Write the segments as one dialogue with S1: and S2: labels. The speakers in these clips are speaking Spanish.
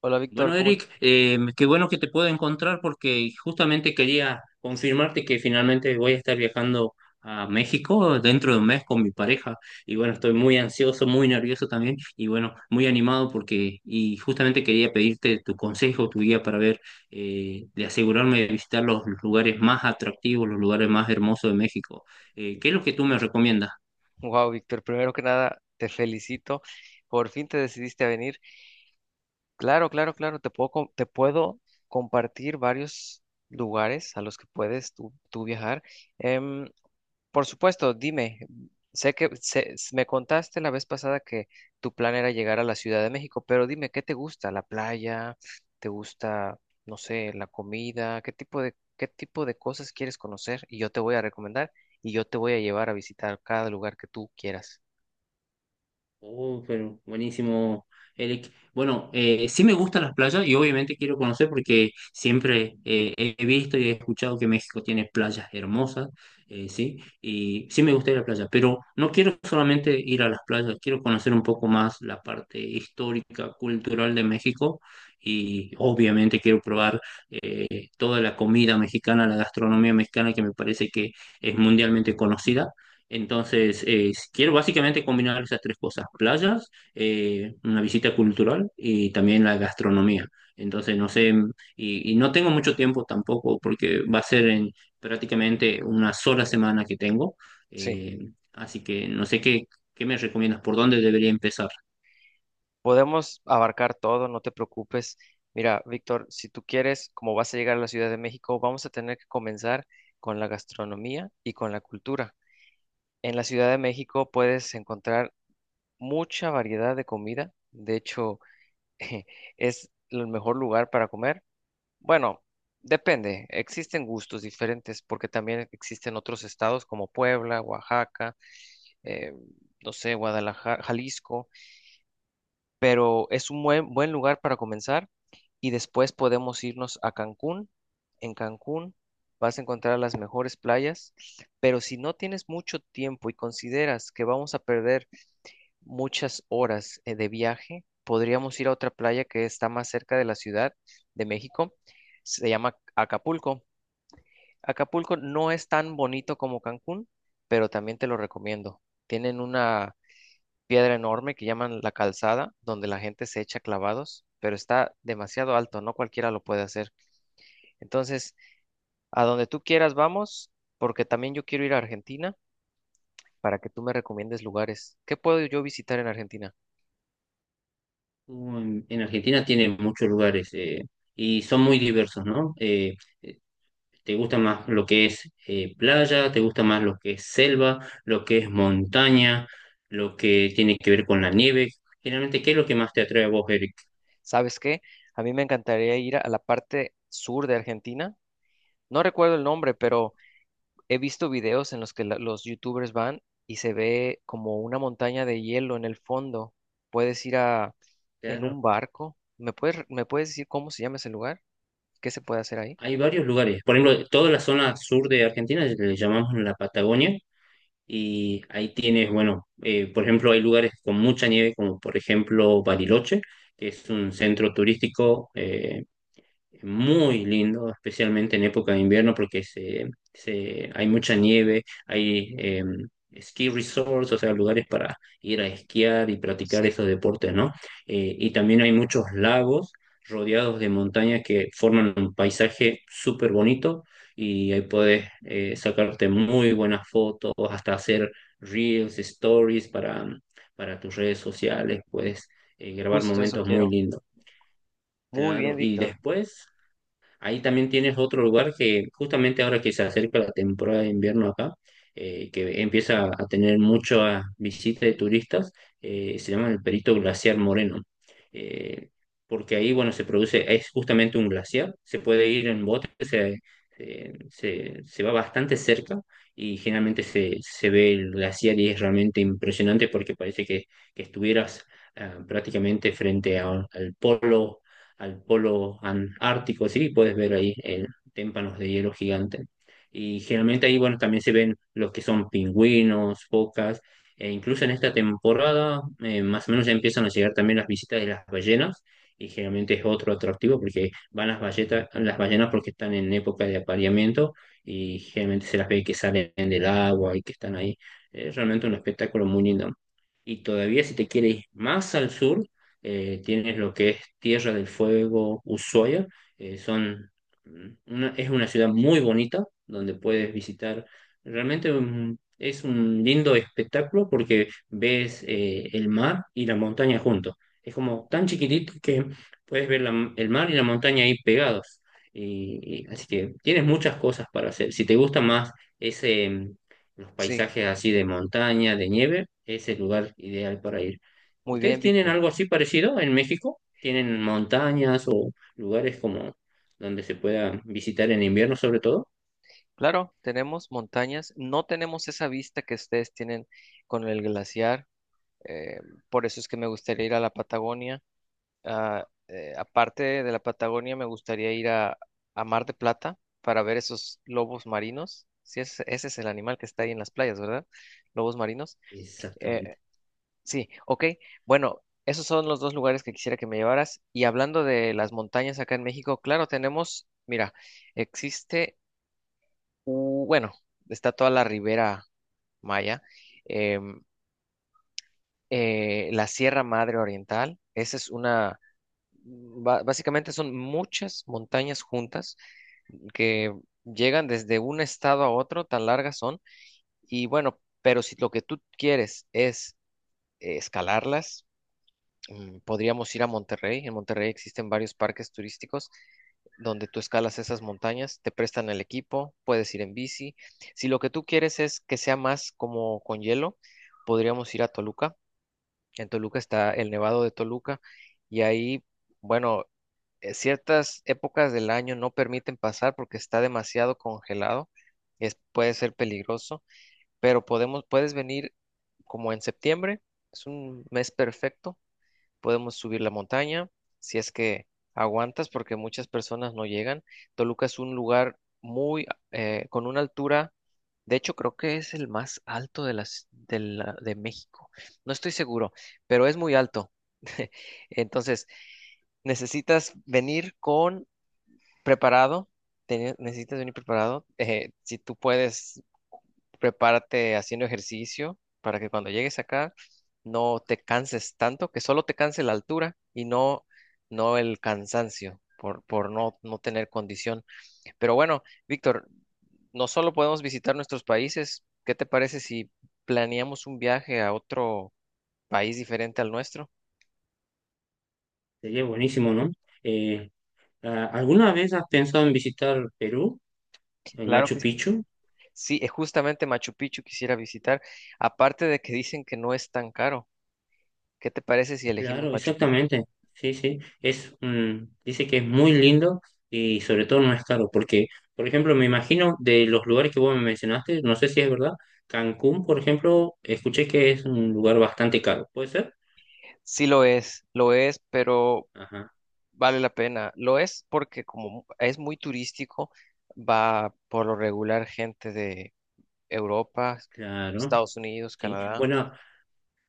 S1: Hola Víctor,
S2: Bueno,
S1: ¿cómo
S2: Eric,
S1: estás?
S2: qué bueno que te puedo encontrar porque justamente quería confirmarte que finalmente voy a estar viajando a México dentro de un mes con mi pareja. Y bueno, estoy muy ansioso, muy nervioso también y bueno, muy animado porque, y justamente quería pedirte tu consejo, tu guía para ver, de asegurarme de visitar los lugares más atractivos, los lugares más hermosos de México. ¿Qué es lo que tú me recomiendas?
S1: Wow, Víctor, primero que nada, te felicito. Por fin te decidiste a venir. Claro, claro, claro, te puedo compartir varios lugares a los que puedes tú viajar. Em, Por supuesto, dime, sé que me contaste la vez pasada que tu plan era llegar a la Ciudad de México, pero dime, ¿qué te gusta? ¿La playa? ¿Te gusta, no sé, la comida? ¿Qué tipo de cosas quieres conocer? Y yo te voy a recomendar y yo te voy a llevar a visitar cada lugar que tú quieras.
S2: Oh, pero buenísimo, Eric. Bueno, sí me gustan las playas y obviamente quiero conocer porque siempre he visto y he escuchado que México tiene playas hermosas, sí, y sí me gusta ir a la playa, pero no quiero solamente ir a las playas, quiero conocer un poco más la parte histórica, cultural de México y obviamente quiero probar toda la comida mexicana, la gastronomía mexicana que me parece que es mundialmente conocida. Entonces, quiero básicamente combinar esas tres cosas: playas, una visita cultural y también la gastronomía. Entonces, no sé, y no tengo mucho tiempo tampoco porque va a ser en prácticamente una sola semana que tengo.
S1: Sí,
S2: Eh, así que no sé qué me recomiendas, por dónde debería empezar.
S1: podemos abarcar todo, no te preocupes. Mira, Víctor, si tú quieres, como vas a llegar a la Ciudad de México, vamos a tener que comenzar con la gastronomía y con la cultura. En la Ciudad de México puedes encontrar mucha variedad de comida. De hecho, es el mejor lugar para comer. Bueno, depende. Existen gustos diferentes porque también existen otros estados como Puebla, Oaxaca, eh, no sé, Guadalajara, Jalisco. Pero es un buen lugar para comenzar y después podemos irnos a Cancún. En Cancún vas a encontrar las mejores playas, pero si no tienes mucho tiempo y consideras que vamos a perder muchas horas de viaje, podríamos ir a otra playa que está más cerca de la Ciudad de México. Se llama Acapulco. Acapulco no es tan bonito como Cancún, pero también te lo recomiendo. Tienen una piedra enorme que llaman la calzada, donde la gente se echa clavados, pero está demasiado alto, no cualquiera lo puede hacer. Entonces, a donde tú quieras vamos, porque también yo quiero ir a Argentina para que tú me recomiendes lugares. ¿Qué puedo yo visitar en Argentina?
S2: En Argentina tiene muchos lugares y son muy diversos, ¿no? ¿Te gusta más lo que es playa? ¿Te gusta más lo que es selva? ¿Lo que es montaña? ¿Lo que tiene que ver con la nieve? Generalmente, ¿qué es lo que más te atrae a vos, Eric?
S1: ¿Sabes qué? A mí me encantaría ir a la parte sur de Argentina. No recuerdo el nombre, pero he visto videos en los que los youtubers van y se ve como una montaña de hielo en el fondo. Puedes ir a en
S2: Claro,
S1: un barco. ¿Me me puedes decir cómo se llama ese lugar? ¿Qué se puede hacer ahí?
S2: hay varios lugares. Por ejemplo, toda la zona sur de Argentina le llamamos la Patagonia y ahí tienes, bueno, por ejemplo, hay lugares con mucha nieve, como por ejemplo Bariloche, que es un centro turístico muy lindo, especialmente en época de invierno porque hay mucha nieve, hay ski resorts, o sea, lugares para ir a esquiar y practicar
S1: Sí,
S2: esos deportes, ¿no? Y también hay muchos lagos rodeados de montañas que forman un paisaje súper bonito y ahí puedes sacarte muy buenas fotos, hasta hacer reels, stories para tus redes sociales, puedes grabar
S1: justo eso
S2: momentos muy
S1: quiero.
S2: lindos.
S1: Muy bien,
S2: Claro, y
S1: Víctor.
S2: después ahí también tienes otro lugar que justamente ahora que se acerca la temporada de invierno acá, que empieza a tener muchas visitas de turistas, se llama el Perito Glaciar Moreno. Eh, porque ahí, bueno, se produce, es justamente un glaciar, se puede ir en bote, se va bastante cerca y generalmente se ve el glaciar y es realmente impresionante porque parece que estuvieras prácticamente al polo, al polo ártico, ¿sí? Puedes ver ahí témpanos de hielo gigante. Y generalmente ahí, bueno, también se ven los que son pingüinos, focas, e incluso en esta temporada, más o menos ya empiezan a llegar también las visitas de las ballenas, y generalmente es otro atractivo porque van las ballenas porque están en época de apareamiento y generalmente se las ve que salen del agua y que están ahí. Es realmente un espectáculo muy lindo. Y todavía si te quieres ir más al sur, tienes lo que es Tierra del Fuego, Ushuaia, son es una ciudad muy bonita donde puedes visitar. Realmente es un lindo espectáculo porque ves el mar y la montaña juntos. Es como tan chiquitito que puedes ver el mar y la montaña ahí pegados. Así que tienes muchas cosas para hacer. Si te gusta más ese, mm, los
S1: Sí,
S2: paisajes así de montaña, de nieve, es el lugar ideal para ir.
S1: muy bien,
S2: ¿Ustedes tienen
S1: Víctor.
S2: algo así parecido en México? ¿Tienen montañas o lugares como donde se pueda visitar en invierno sobre todo?
S1: Claro, tenemos montañas. No tenemos esa vista que ustedes tienen con el glaciar. eh, por eso es que me gustaría ir a la Patagonia. Aparte de la Patagonia, me gustaría a Mar de Plata para ver esos lobos marinos. Sí, ese es el animal que está ahí en las playas, ¿verdad? Lobos marinos.
S2: Exactamente.
S1: Eh, sí, ok. Bueno, esos son los dos lugares que quisiera que me llevaras. Y hablando de las montañas acá en México, claro, tenemos, mira, existe, bueno, está toda la Ribera Maya, em, la Sierra Madre Oriental. Esa es una básicamente son muchas montañas juntas que llegan desde un estado a otro, tan largas son. Y bueno, pero si lo que tú quieres es escalarlas, podríamos ir a Monterrey. En Monterrey existen varios parques turísticos donde tú escalas esas montañas, te prestan el equipo, puedes ir en bici. Si lo que tú quieres es que sea más como con hielo, podríamos ir a Toluca. En Toluca está el Nevado de Toluca y ahí, bueno, ciertas épocas del año no permiten pasar porque está demasiado congelado, es, puede ser peligroso, pero podemos, puedes venir como en septiembre, es un mes perfecto, podemos subir la montaña, si es que aguantas, porque muchas personas no llegan. Toluca es un lugar muy, con una altura, de hecho creo que es el más alto de de México. No estoy seguro, pero es muy alto. Entonces, necesitas venir con preparado, necesitas venir preparado. Si tú puedes, prepárate haciendo ejercicio para que cuando llegues acá no te canses tanto, que solo te canse la altura y no, no el cansancio por, no tener condición. Pero bueno, Víctor, no solo podemos visitar nuestros países, ¿qué te parece si planeamos un viaje a otro país diferente al nuestro?
S2: Sería buenísimo, ¿no? Eh, ¿Alguna vez has pensado en visitar Perú, en
S1: Claro
S2: Machu
S1: que sí.
S2: Picchu?
S1: Sí, es justamente Machu Picchu quisiera visitar, aparte de que dicen que no es tan caro. ¿Qué te parece si elegimos
S2: Claro,
S1: Machu Picchu?
S2: exactamente. Sí, sí. Dice que es muy lindo y sobre todo no es caro, porque, por ejemplo, me imagino de los lugares que vos me mencionaste, no sé si es verdad, Cancún, por ejemplo, escuché que es un lugar bastante caro. ¿Puede ser?
S1: Sí lo es, pero
S2: Ajá.
S1: vale la pena. Lo es porque como es muy turístico, va por lo regular gente de Europa,
S2: Claro,
S1: Estados Unidos,
S2: sí.
S1: Canadá.
S2: Bueno,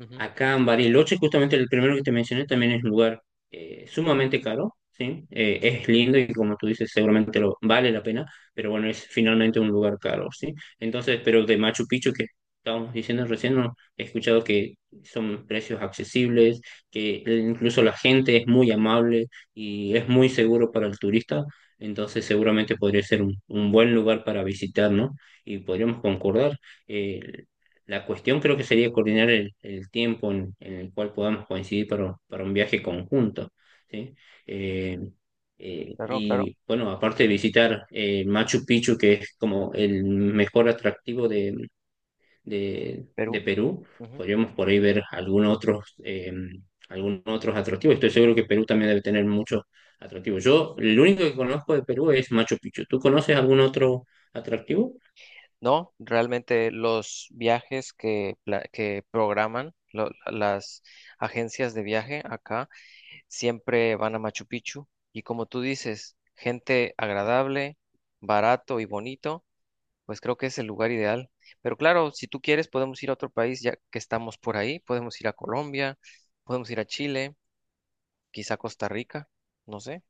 S1: Ujú,
S2: acá en Bariloche, justamente el primero que te mencioné, también es un lugar sumamente caro, ¿sí? Es lindo y como tú dices, seguramente lo, vale la pena, pero bueno, es finalmente un lugar caro, ¿sí? Entonces, pero de Machu Picchu, que estábamos diciendo recién, no, he escuchado que son precios accesibles, que incluso la gente es muy amable y es muy seguro para el turista, entonces seguramente podría ser un buen lugar para visitar, ¿no? Y podríamos concordar. eh, la cuestión creo que sería coordinar el tiempo en el cual podamos coincidir para un viaje conjunto, ¿sí? Eh,
S1: claro, claro,
S2: y bueno, aparte de visitar Machu Picchu, que es como el mejor atractivo de
S1: Perú,
S2: Perú,
S1: ujú.
S2: podríamos por ahí ver algunos otros atractivos. Estoy seguro que Perú también debe tener muchos atractivos. Yo, el único que conozco de Perú es Machu Picchu. ¿Tú conoces algún otro atractivo?
S1: No, realmente los viajes que, que programan las agencias de viaje acá siempre van a Machu Picchu y como tú dices, gente agradable, barato y bonito, pues creo que es el lugar ideal. Pero claro, si tú quieres, podemos ir a otro país ya que estamos por ahí, podemos ir a Colombia, podemos ir a Chile, quizá Costa Rica, no sé.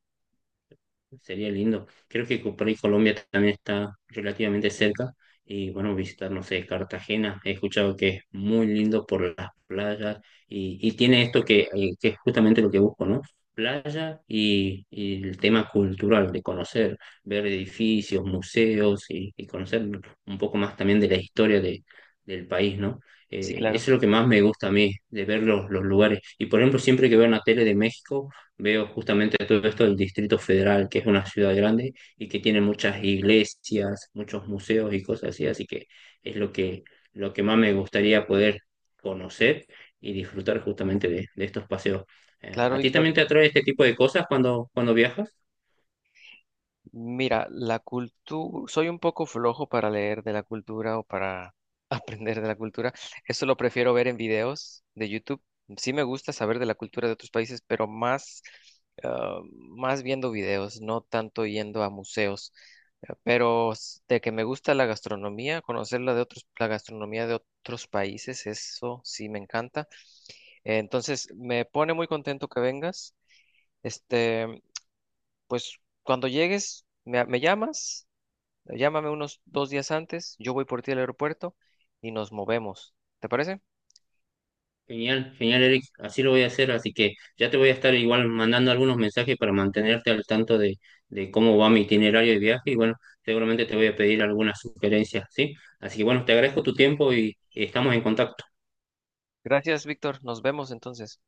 S2: Sería lindo. Creo que por ahí Colombia también está relativamente cerca. Y bueno, visitar, no sé, Cartagena. He escuchado que es muy lindo por las playas. Y tiene esto que es justamente lo que busco, ¿no? Playa y el tema cultural de conocer, ver edificios, museos y conocer un poco más también de la historia del país, ¿no?
S1: Sí,
S2: Eso
S1: claro.
S2: es lo que más me gusta a mí, de ver los lugares. Y por ejemplo, siempre que veo una tele de México veo justamente todo esto del Distrito Federal, que es una ciudad grande y que tiene muchas iglesias, muchos museos y cosas así, así que es lo que más me gustaría poder conocer y disfrutar justamente de estos paseos.
S1: Claro,
S2: ¿A ti
S1: Víctor.
S2: también te atrae este tipo de cosas cuando viajas?
S1: Mira, la cultura, soy un poco flojo para leer de la cultura o para aprender de la cultura. Eso lo prefiero ver en videos de YouTube. Sí me gusta saber de la cultura de otros países, pero más, más viendo videos, no tanto yendo a museos. Pero de que me gusta la gastronomía, conocer la de otros, la gastronomía de otros países, eso sí me encanta. Entonces, me pone muy contento que vengas. Este, pues cuando llegues, me llamas. Llámame unos 2 días antes, yo voy por ti al aeropuerto y nos movemos. ¿Te parece?
S2: Genial, genial, Eric. Así lo voy a hacer. Así que ya te voy a estar igual mandando algunos mensajes para mantenerte al tanto de cómo va mi itinerario de viaje. Y bueno, seguramente te voy a pedir algunas sugerencias, ¿sí? Así que bueno, te agradezco tu tiempo y estamos en contacto.
S1: Gracias, Víctor. Nos vemos entonces.